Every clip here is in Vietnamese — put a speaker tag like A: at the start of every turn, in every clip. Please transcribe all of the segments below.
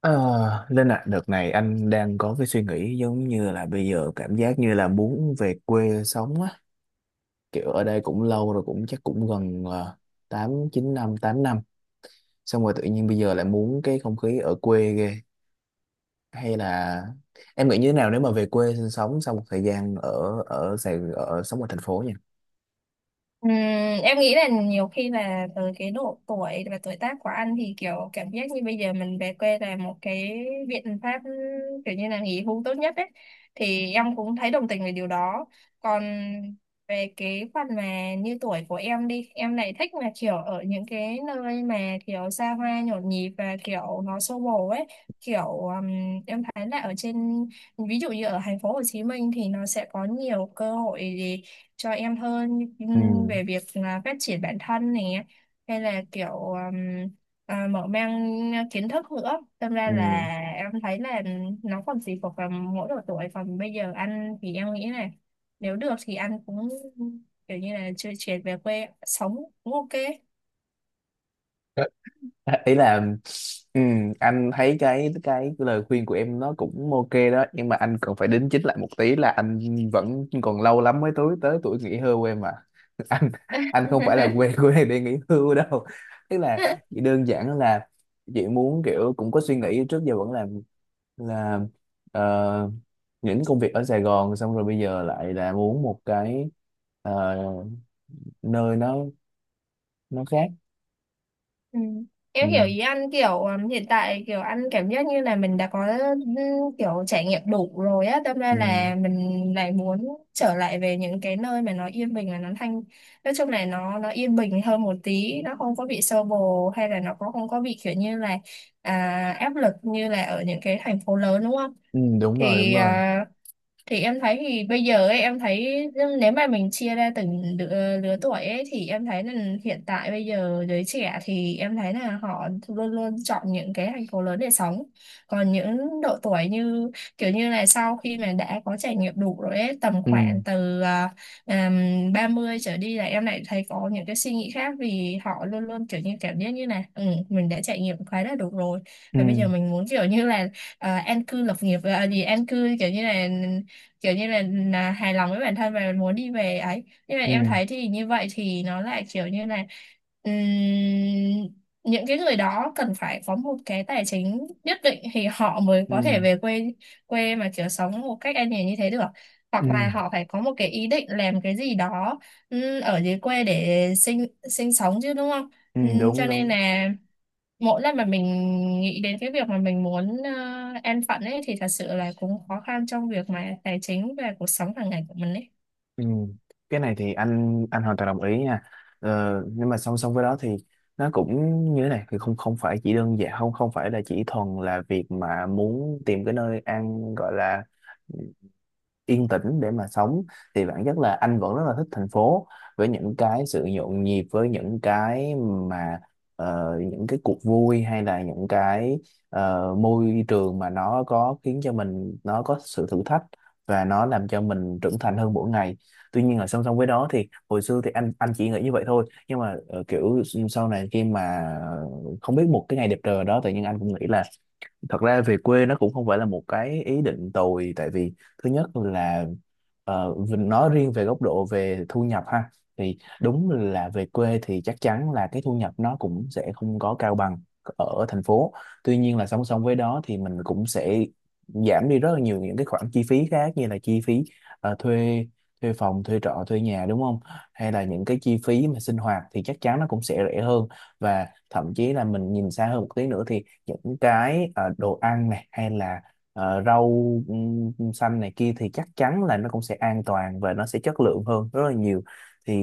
A: Ờ, Linh ạ, đợt này anh đang có cái suy nghĩ giống như là bây giờ cảm giác như là muốn về quê sống á, kiểu ở đây cũng lâu rồi cũng chắc cũng gần 8 9 năm, 8 năm. Xong rồi tự nhiên bây giờ lại muốn cái không khí ở quê ghê. Hay là em nghĩ như thế nào nếu mà về quê sinh sống sau một thời gian ở ở Sài ở sống ở thành phố nha.
B: Ừm, em nghĩ là nhiều khi là từ cái độ tuổi và tuổi tác của anh thì kiểu cảm giác như bây giờ mình về quê là một cái biện pháp kiểu như là nghỉ hưu tốt nhất ấy, thì em cũng thấy đồng tình về điều đó. Còn về cái phần mà như tuổi của em đi, em lại thích mà kiểu ở những cái nơi mà kiểu xa hoa nhộn nhịp và kiểu nó xô bồ ấy, kiểu ừm, em thấy là ở trên, ví dụ như ở thành phố Hồ Chí Minh thì nó sẽ có nhiều cơ hội cho em hơn,
A: Ừ.
B: về việc là phát triển bản thân này, hay là kiểu mở mang kiến thức nữa. Đâm ra
A: Ừ.
B: là em thấy là nó còn tùy thuộc vào mỗi độ tuổi, còn bây giờ anh thì em nghĩ là nếu được thì anh cũng kiểu như là chưa chuyển về quê sống cũng ok.
A: Ý là anh thấy cái lời khuyên của em nó cũng ok đó, nhưng mà anh cần phải đính chính lại một tí là anh vẫn còn lâu lắm mới tới tới tuổi nghỉ hưu em à. anh anh không phải là quê của này để nghỉ hưu đâu, tức là chỉ đơn giản là chị muốn kiểu cũng có suy nghĩ trước giờ vẫn làm, là ờ, những công việc ở Sài Gòn, xong rồi bây giờ lại là muốn một cái ờ, nơi nó khác.
B: Ừ.
A: Ừ,
B: Em hiểu ý ăn kiểu hiện tại kiểu ăn cảm giác như là mình đã có kiểu trải nghiệm đủ rồi á, tâm ra
A: ừ,
B: là mình lại muốn trở lại về những cái nơi mà nó yên bình và nó thanh, nói chung là nó yên bình hơn một tí, nó không có bị xô bồ hay là nó cũng không có bị kiểu như là áp lực như là ở những cái thành phố lớn, đúng không?
A: ừ, đúng rồi, đúng
B: Thì
A: rồi.
B: thì em thấy thì bây giờ ấy, em thấy nếu mà mình chia ra từng lứa tuổi ấy thì em thấy là hiện tại bây giờ giới trẻ thì em thấy là họ luôn luôn chọn những cái thành phố lớn để sống. Còn những độ tuổi như kiểu như là sau khi mà đã có trải nghiệm đủ rồi ấy, tầm
A: Ừ,
B: khoảng từ 30 trở đi là em lại thấy có những cái suy nghĩ khác, vì họ luôn luôn kiểu như cảm giác như là ừ, mình đã trải nghiệm khá là đủ rồi
A: ừ,
B: và bây giờ mình muốn kiểu như là an cư lập nghiệp, gì an cư kiểu như là hài lòng với bản thân và muốn đi về ấy. Nhưng mà em
A: ừ,
B: thấy thì như vậy thì nó lại kiểu như là ừm, những cái người đó cần phải có một cái tài chính nhất định thì họ mới
A: ừ,
B: có thể về quê, quê mà kiểu sống một cách an nhàn như thế được,
A: ừ,
B: hoặc là họ phải có một cái ý định làm cái gì đó ở dưới quê để sinh sinh sống chứ, đúng không?
A: ừ, đúng,
B: Cho nên
A: đúng.
B: là mỗi lần mà mình nghĩ đến cái việc mà mình muốn an phận ấy thì thật sự là cũng khó khăn trong việc mà tài chính và cuộc sống hàng ngày của mình ấy.
A: Ừ. Cái này thì anh hoàn toàn đồng ý nha. Nhưng mà song song với đó thì nó cũng như thế này, thì không không phải chỉ đơn giản, không không phải là chỉ thuần là việc mà muốn tìm cái nơi ăn gọi là yên tĩnh để mà sống. Thì bản chất là anh vẫn rất là thích thành phố, với những cái sự nhộn nhịp, với những cái mà những cái cuộc vui, hay là những cái môi trường mà nó có khiến cho mình nó có sự thử thách và nó làm cho mình trưởng thành hơn mỗi ngày. Tuy nhiên là song song với đó thì hồi xưa thì anh chỉ nghĩ như vậy thôi, nhưng mà kiểu sau này khi mà không biết một cái ngày đẹp trời đó, tự nhiên anh cũng nghĩ là thật ra về quê nó cũng không phải là một cái ý định tồi. Tại vì thứ nhất là mình nói riêng về góc độ về thu nhập ha, thì đúng là về quê thì chắc chắn là cái thu nhập nó cũng sẽ không có cao bằng ở thành phố. Tuy nhiên là song song với đó thì mình cũng sẽ giảm đi rất là nhiều những cái khoản chi phí khác, như là chi phí thuê thuê phòng, thuê trọ, thuê nhà đúng không, hay là những cái chi phí mà sinh hoạt thì chắc chắn nó cũng sẽ rẻ hơn. Và thậm chí là mình nhìn xa hơn một tí nữa thì những cái đồ ăn này, hay là rau xanh này kia thì chắc chắn là nó cũng sẽ an toàn và nó sẽ chất lượng hơn rất là nhiều. Thì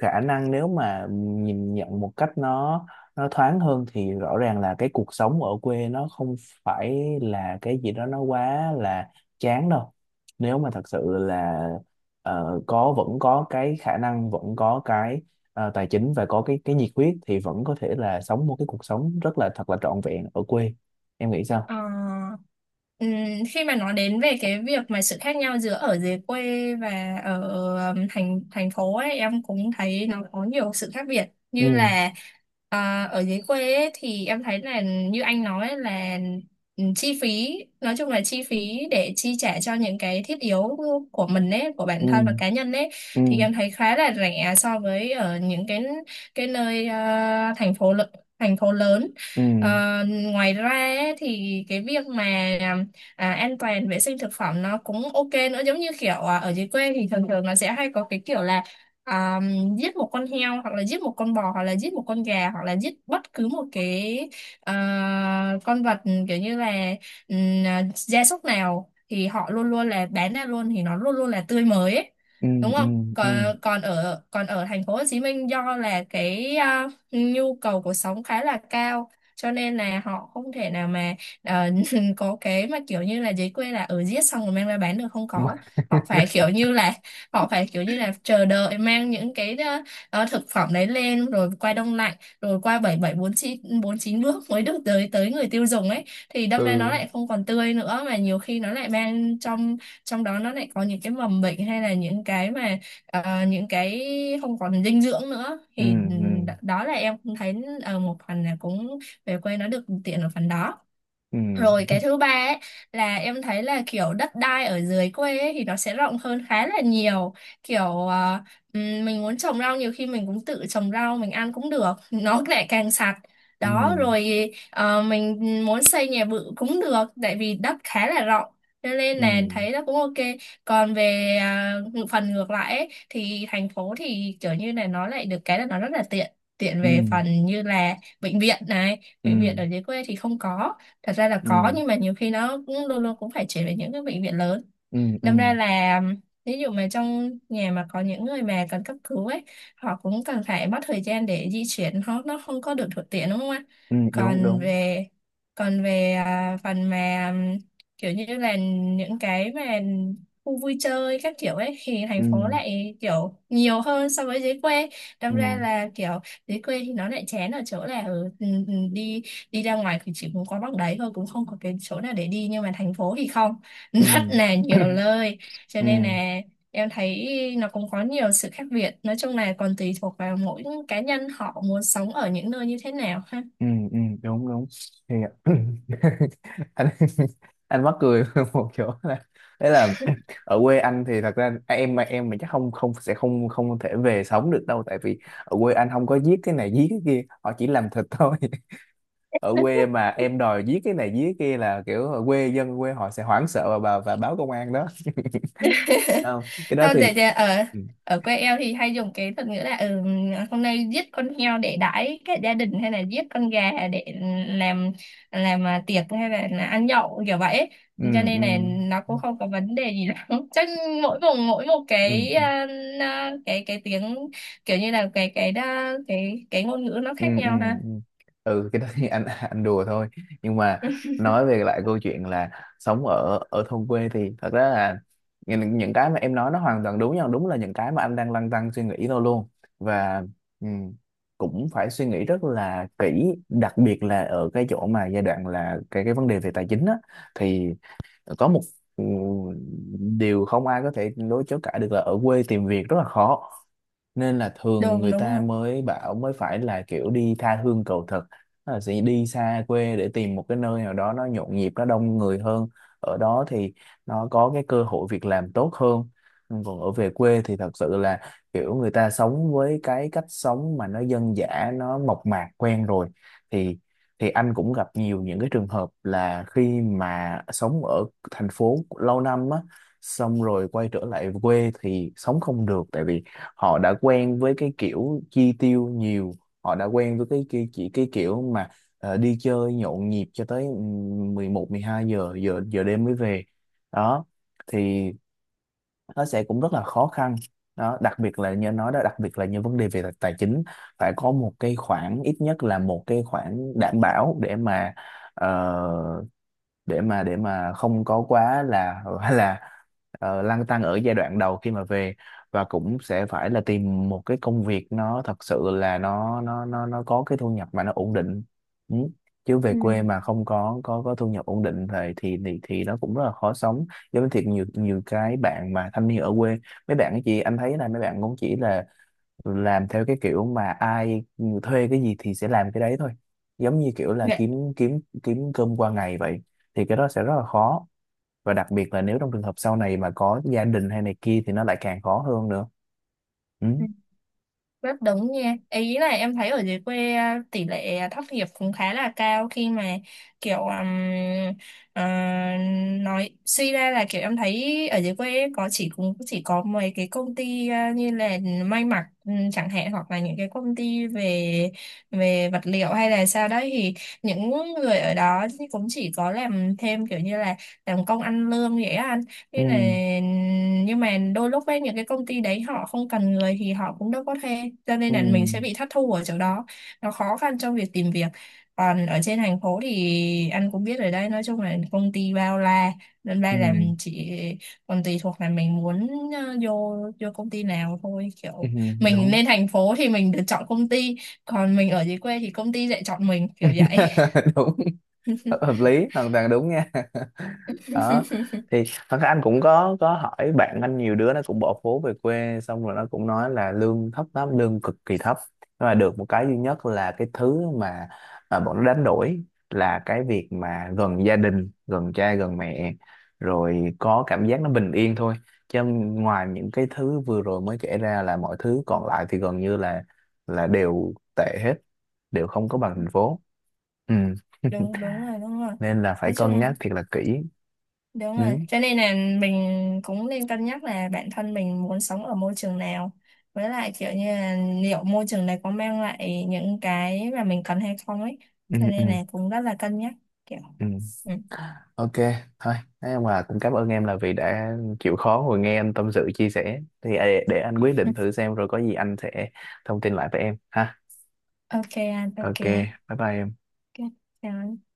A: khả năng nếu mà nhìn nhận một cách nó thoáng hơn thì rõ ràng là cái cuộc sống ở quê nó không phải là cái gì đó nó quá là chán đâu. Nếu mà thật sự là có, vẫn có cái khả năng, vẫn có cái tài chính và có cái nhiệt huyết, thì vẫn có thể là sống một cái cuộc sống rất là thật là trọn vẹn ở quê. Em nghĩ sao?
B: Ờ, ừm, khi mà nói đến về cái việc mà sự khác nhau giữa ở dưới quê và ở thành thành phố ấy, em cũng thấy nó có nhiều sự khác biệt,
A: Ừ,
B: như là ở dưới quê ấy, thì em thấy là như anh nói ấy là chi phí, nói chung là chi phí để chi trả cho những cái thiết yếu của mình ấy, của
A: ừ,
B: bản thân và cá nhân ấy,
A: ừ,
B: thì em thấy khá là rẻ so với ở những cái nơi thành phố lớn.
A: ừ,
B: Ờ, ngoài ra ấy, thì cái việc mà an toàn vệ sinh thực phẩm nó cũng ok nữa, giống như kiểu ở dưới quê thì thường thường nó sẽ hay có cái kiểu là à, giết một con heo hoặc là giết một con bò hoặc là giết một con gà hoặc là giết bất cứ một cái con vật kiểu như là gia súc nào, thì họ luôn luôn là bán ra luôn thì nó luôn luôn là tươi mới ấy.
A: ừ,
B: Đúng
A: ừ,
B: không?
A: ừ.
B: Còn còn ở còn ở thành phố Hồ Chí Minh, do là cái nhu cầu cuộc sống khá là cao cho nên là họ không thể nào mà ờ, mình có cái mà kiểu như là giấy quê là ở giết xong rồi mang ra bán được, không có. Họ phải kiểu như là họ phải kiểu như là chờ đợi mang những cái thực phẩm đấy lên rồi qua đông lạnh, rồi qua bảy bảy bốn chín bước mới được tới tới người tiêu dùng ấy, thì đâm ra nó
A: Ừ,
B: lại không còn tươi nữa, mà nhiều khi nó lại mang trong trong đó nó lại có những cái mầm bệnh hay là những cái mà ờ, những cái không còn dinh dưỡng nữa.
A: ừ,
B: Thì
A: ừ,
B: đó là em cũng thấy ở một phần là cũng về quê nó được tiện ở phần đó.
A: ừ.
B: Rồi cái thứ ba ấy là em thấy là kiểu đất đai ở dưới quê ấy, thì nó sẽ rộng hơn khá là nhiều. Kiểu mình muốn trồng rau, nhiều khi mình cũng tự trồng rau mình ăn cũng được, nó lại càng sạch.
A: Ừ,
B: Đó, rồi mình muốn xây nhà bự cũng được, tại vì đất khá là rộng. Cho nên
A: ừ,
B: là thấy nó cũng ok. Còn về phần ngược lại ấy, thì thành phố thì kiểu như là nó lại được cái là nó rất là tiện. Tiện
A: ừ,
B: về phần như là bệnh viện này,
A: ừ,
B: bệnh viện ở dưới quê thì không có, thật ra là có
A: ừ,
B: nhưng mà nhiều khi nó cũng luôn luôn cũng phải chuyển về những cái bệnh viện lớn.
A: ừ, ừ,
B: Đâm ra là ví dụ mà trong nhà mà có những người mà cần cấp cứu ấy, họ cũng cần phải mất thời gian để di chuyển, họ nó không có được thuận tiện đúng không ạ?
A: ừ, đúng,
B: còn
A: đúng.
B: về còn về phần mà kiểu như là những cái mà khu vui chơi các kiểu ấy, thì thành
A: Ừ,
B: phố lại kiểu nhiều hơn so với dưới quê. Đâm
A: ừ,
B: ra là kiểu dưới quê thì nó lại chán ở chỗ là đi đi ra ngoài thì chỉ muốn có bằng đấy thôi cũng không có cái chỗ nào để đi, nhưng mà thành phố thì không,
A: ừ.
B: rất là nhiều nơi. Cho
A: Ừ,
B: nên là em thấy nó cũng có nhiều sự khác biệt, nói chung là còn tùy thuộc vào mỗi cá nhân họ muốn sống ở những nơi như thế nào ha.
A: ừ, ừ, ừ. Đúng, đúng. Thì anh anh mắc cười một chỗ là đấy là. Ở quê anh thì thật ra em mà em mình chắc không không sẽ không không thể về sống được đâu, tại vì ở quê anh không có giết cái này giết cái kia, họ chỉ làm thịt thôi. Ở quê mà em đòi giết cái này giết kia là kiểu ở quê dân quê họ sẽ hoảng sợ và và báo công an đó. Không, cái đó
B: Không,
A: thì
B: tại ra ở
A: ừ,
B: ở quê em thì hay dùng cái thuật ngữ là ừ, hôm nay giết con heo để đãi cả gia đình, hay là giết con gà để làm tiệc, hay là ăn nhậu kiểu vậy.
A: ừ,
B: Cho nên là
A: ừ.
B: nó cũng không có vấn đề gì lắm chắc mỗi vùng mỗi một cái
A: Ừ.
B: cái tiếng kiểu như là cái cái ngôn ngữ nó
A: Ừ,
B: khác
A: ừ,
B: nhau ha.
A: ừ. Ừ, cái đó thì anh anh đùa thôi, nhưng mà nói về lại câu chuyện là sống ở ở thôn quê thì thật ra là những cái mà em nói nó hoàn toàn đúng nhau, đúng là những cái mà anh đang lăn tăn suy nghĩ thôi luôn. Và ừ, cũng phải suy nghĩ rất là kỹ, đặc biệt là ở cái chỗ mà giai đoạn là cái vấn đề về tài chính á, thì có một ừ, điều không ai có thể đối chối cãi được là ở quê tìm việc rất là khó, nên là thường
B: Đúng,
A: người
B: đúng
A: ta
B: rồi.
A: mới bảo mới phải là kiểu đi tha hương cầu thực. Tức là sẽ đi xa quê để tìm một cái nơi nào đó nó nhộn nhịp, nó đông người hơn, ở đó thì nó có cái cơ hội việc làm tốt hơn. Nhưng còn ở về quê thì thật sự là kiểu người ta sống với cái cách sống mà nó dân dã, nó mộc mạc quen rồi. Thì anh cũng gặp nhiều những cái trường hợp là khi mà sống ở thành phố lâu năm á, xong rồi quay trở lại quê thì sống không được, tại vì họ đã quen với cái kiểu chi tiêu nhiều, họ đã quen với cái chỉ cái kiểu mà đi chơi nhộn nhịp cho tới 11 12 giờ giờ giờ đêm mới về đó. Thì nó sẽ cũng rất là khó khăn đó, đặc biệt là như anh nói đó, đặc biệt là như vấn đề về tài tài chính. Phải có một cái khoản ít nhất là một cái khoản đảm bảo để mà ờ, để mà không có quá là là lăn tăn ở giai đoạn đầu khi mà về. Và cũng sẽ phải là tìm một cái công việc nó thật sự là nó có cái thu nhập mà nó ổn định. Ừ. Chứ về quê
B: Ừ.
A: mà không có có thu nhập ổn định thì thì nó cũng rất là khó sống. Giống như thiệt nhiều nhiều cái bạn mà thanh niên ở quê, mấy bạn ấy chị anh thấy là mấy bạn cũng chỉ là làm theo cái kiểu mà ai thuê cái gì thì sẽ làm cái đấy thôi, giống như kiểu là
B: Vậy.
A: kiếm kiếm kiếm cơm qua ngày vậy. Thì cái đó sẽ rất là khó, và đặc biệt là nếu trong trường hợp sau này mà có gia đình hay này kia thì nó lại càng khó hơn nữa. Ừ.
B: Rất đúng nha, ý là em thấy ở dưới quê tỷ lệ thất nghiệp cũng khá là cao khi mà kiểu ờ, nói suy ra là kiểu em thấy ở dưới quê có chỉ cũng chỉ có mấy cái công ty như là may mặc ừ, chẳng hạn, hoặc là những cái công ty về về vật liệu hay là sao đấy, thì những người ở đó cũng chỉ có làm thêm kiểu như là làm công ăn lương vậy á anh.
A: Ừ.
B: Thế là nhưng mà đôi lúc ấy những cái công ty đấy họ không cần người thì họ cũng đâu có thuê, cho nên
A: Ừ.
B: là mình sẽ bị thất thu ở chỗ đó, nó khó khăn trong việc tìm việc. Còn ở trên thành phố thì anh cũng biết rồi đấy, nói chung là công ty bao la, nên
A: Ừ.
B: ra là mình chỉ còn tùy thuộc là mình muốn vô vô công ty nào thôi.
A: Ừ.
B: Kiểu mình
A: Đúng,
B: lên thành phố thì mình được chọn công ty, còn mình ở dưới quê thì công ty lại chọn mình kiểu vậy.
A: đúng. Hợp Hợp lý, hoàn toàn đúng nha. Đó. Thì thật ra anh cũng có hỏi bạn anh, nhiều đứa nó cũng bỏ phố về quê xong rồi nó cũng nói là lương thấp lắm, lương cực kỳ thấp, nhưng mà được một cái duy nhất là cái thứ mà bọn nó đánh đổi là cái việc mà gần gia đình, gần cha gần mẹ, rồi có cảm giác nó bình yên thôi. Chứ ngoài những cái thứ vừa rồi mới kể ra là mọi thứ còn lại thì gần như là đều tệ hết, đều không có bằng thành phố. Ừ.
B: Đúng, đúng rồi, đúng rồi.
A: Nên là phải
B: Nói
A: cân
B: chung,
A: nhắc thiệt là kỹ.
B: đúng
A: Ừ,
B: rồi, cho nên là mình cũng nên cân nhắc là bản thân mình muốn sống ở môi trường nào. Với lại kiểu như là liệu môi trường này có mang lại những cái mà mình cần hay không ấy.
A: ừ,
B: Cho
A: ừ,
B: nên là cũng rất là cân nhắc kiểu.
A: ừ.
B: Ừ.
A: Ok, thôi, thế mà cũng cảm ơn em là vì đã chịu khó ngồi nghe anh tâm sự chia sẻ, thì để anh quyết định thử xem, rồi có gì anh sẽ thông tin lại với em ha.
B: Ok anh, ok
A: Ok,
B: anh.
A: bye bye em.
B: Ok, chào anh.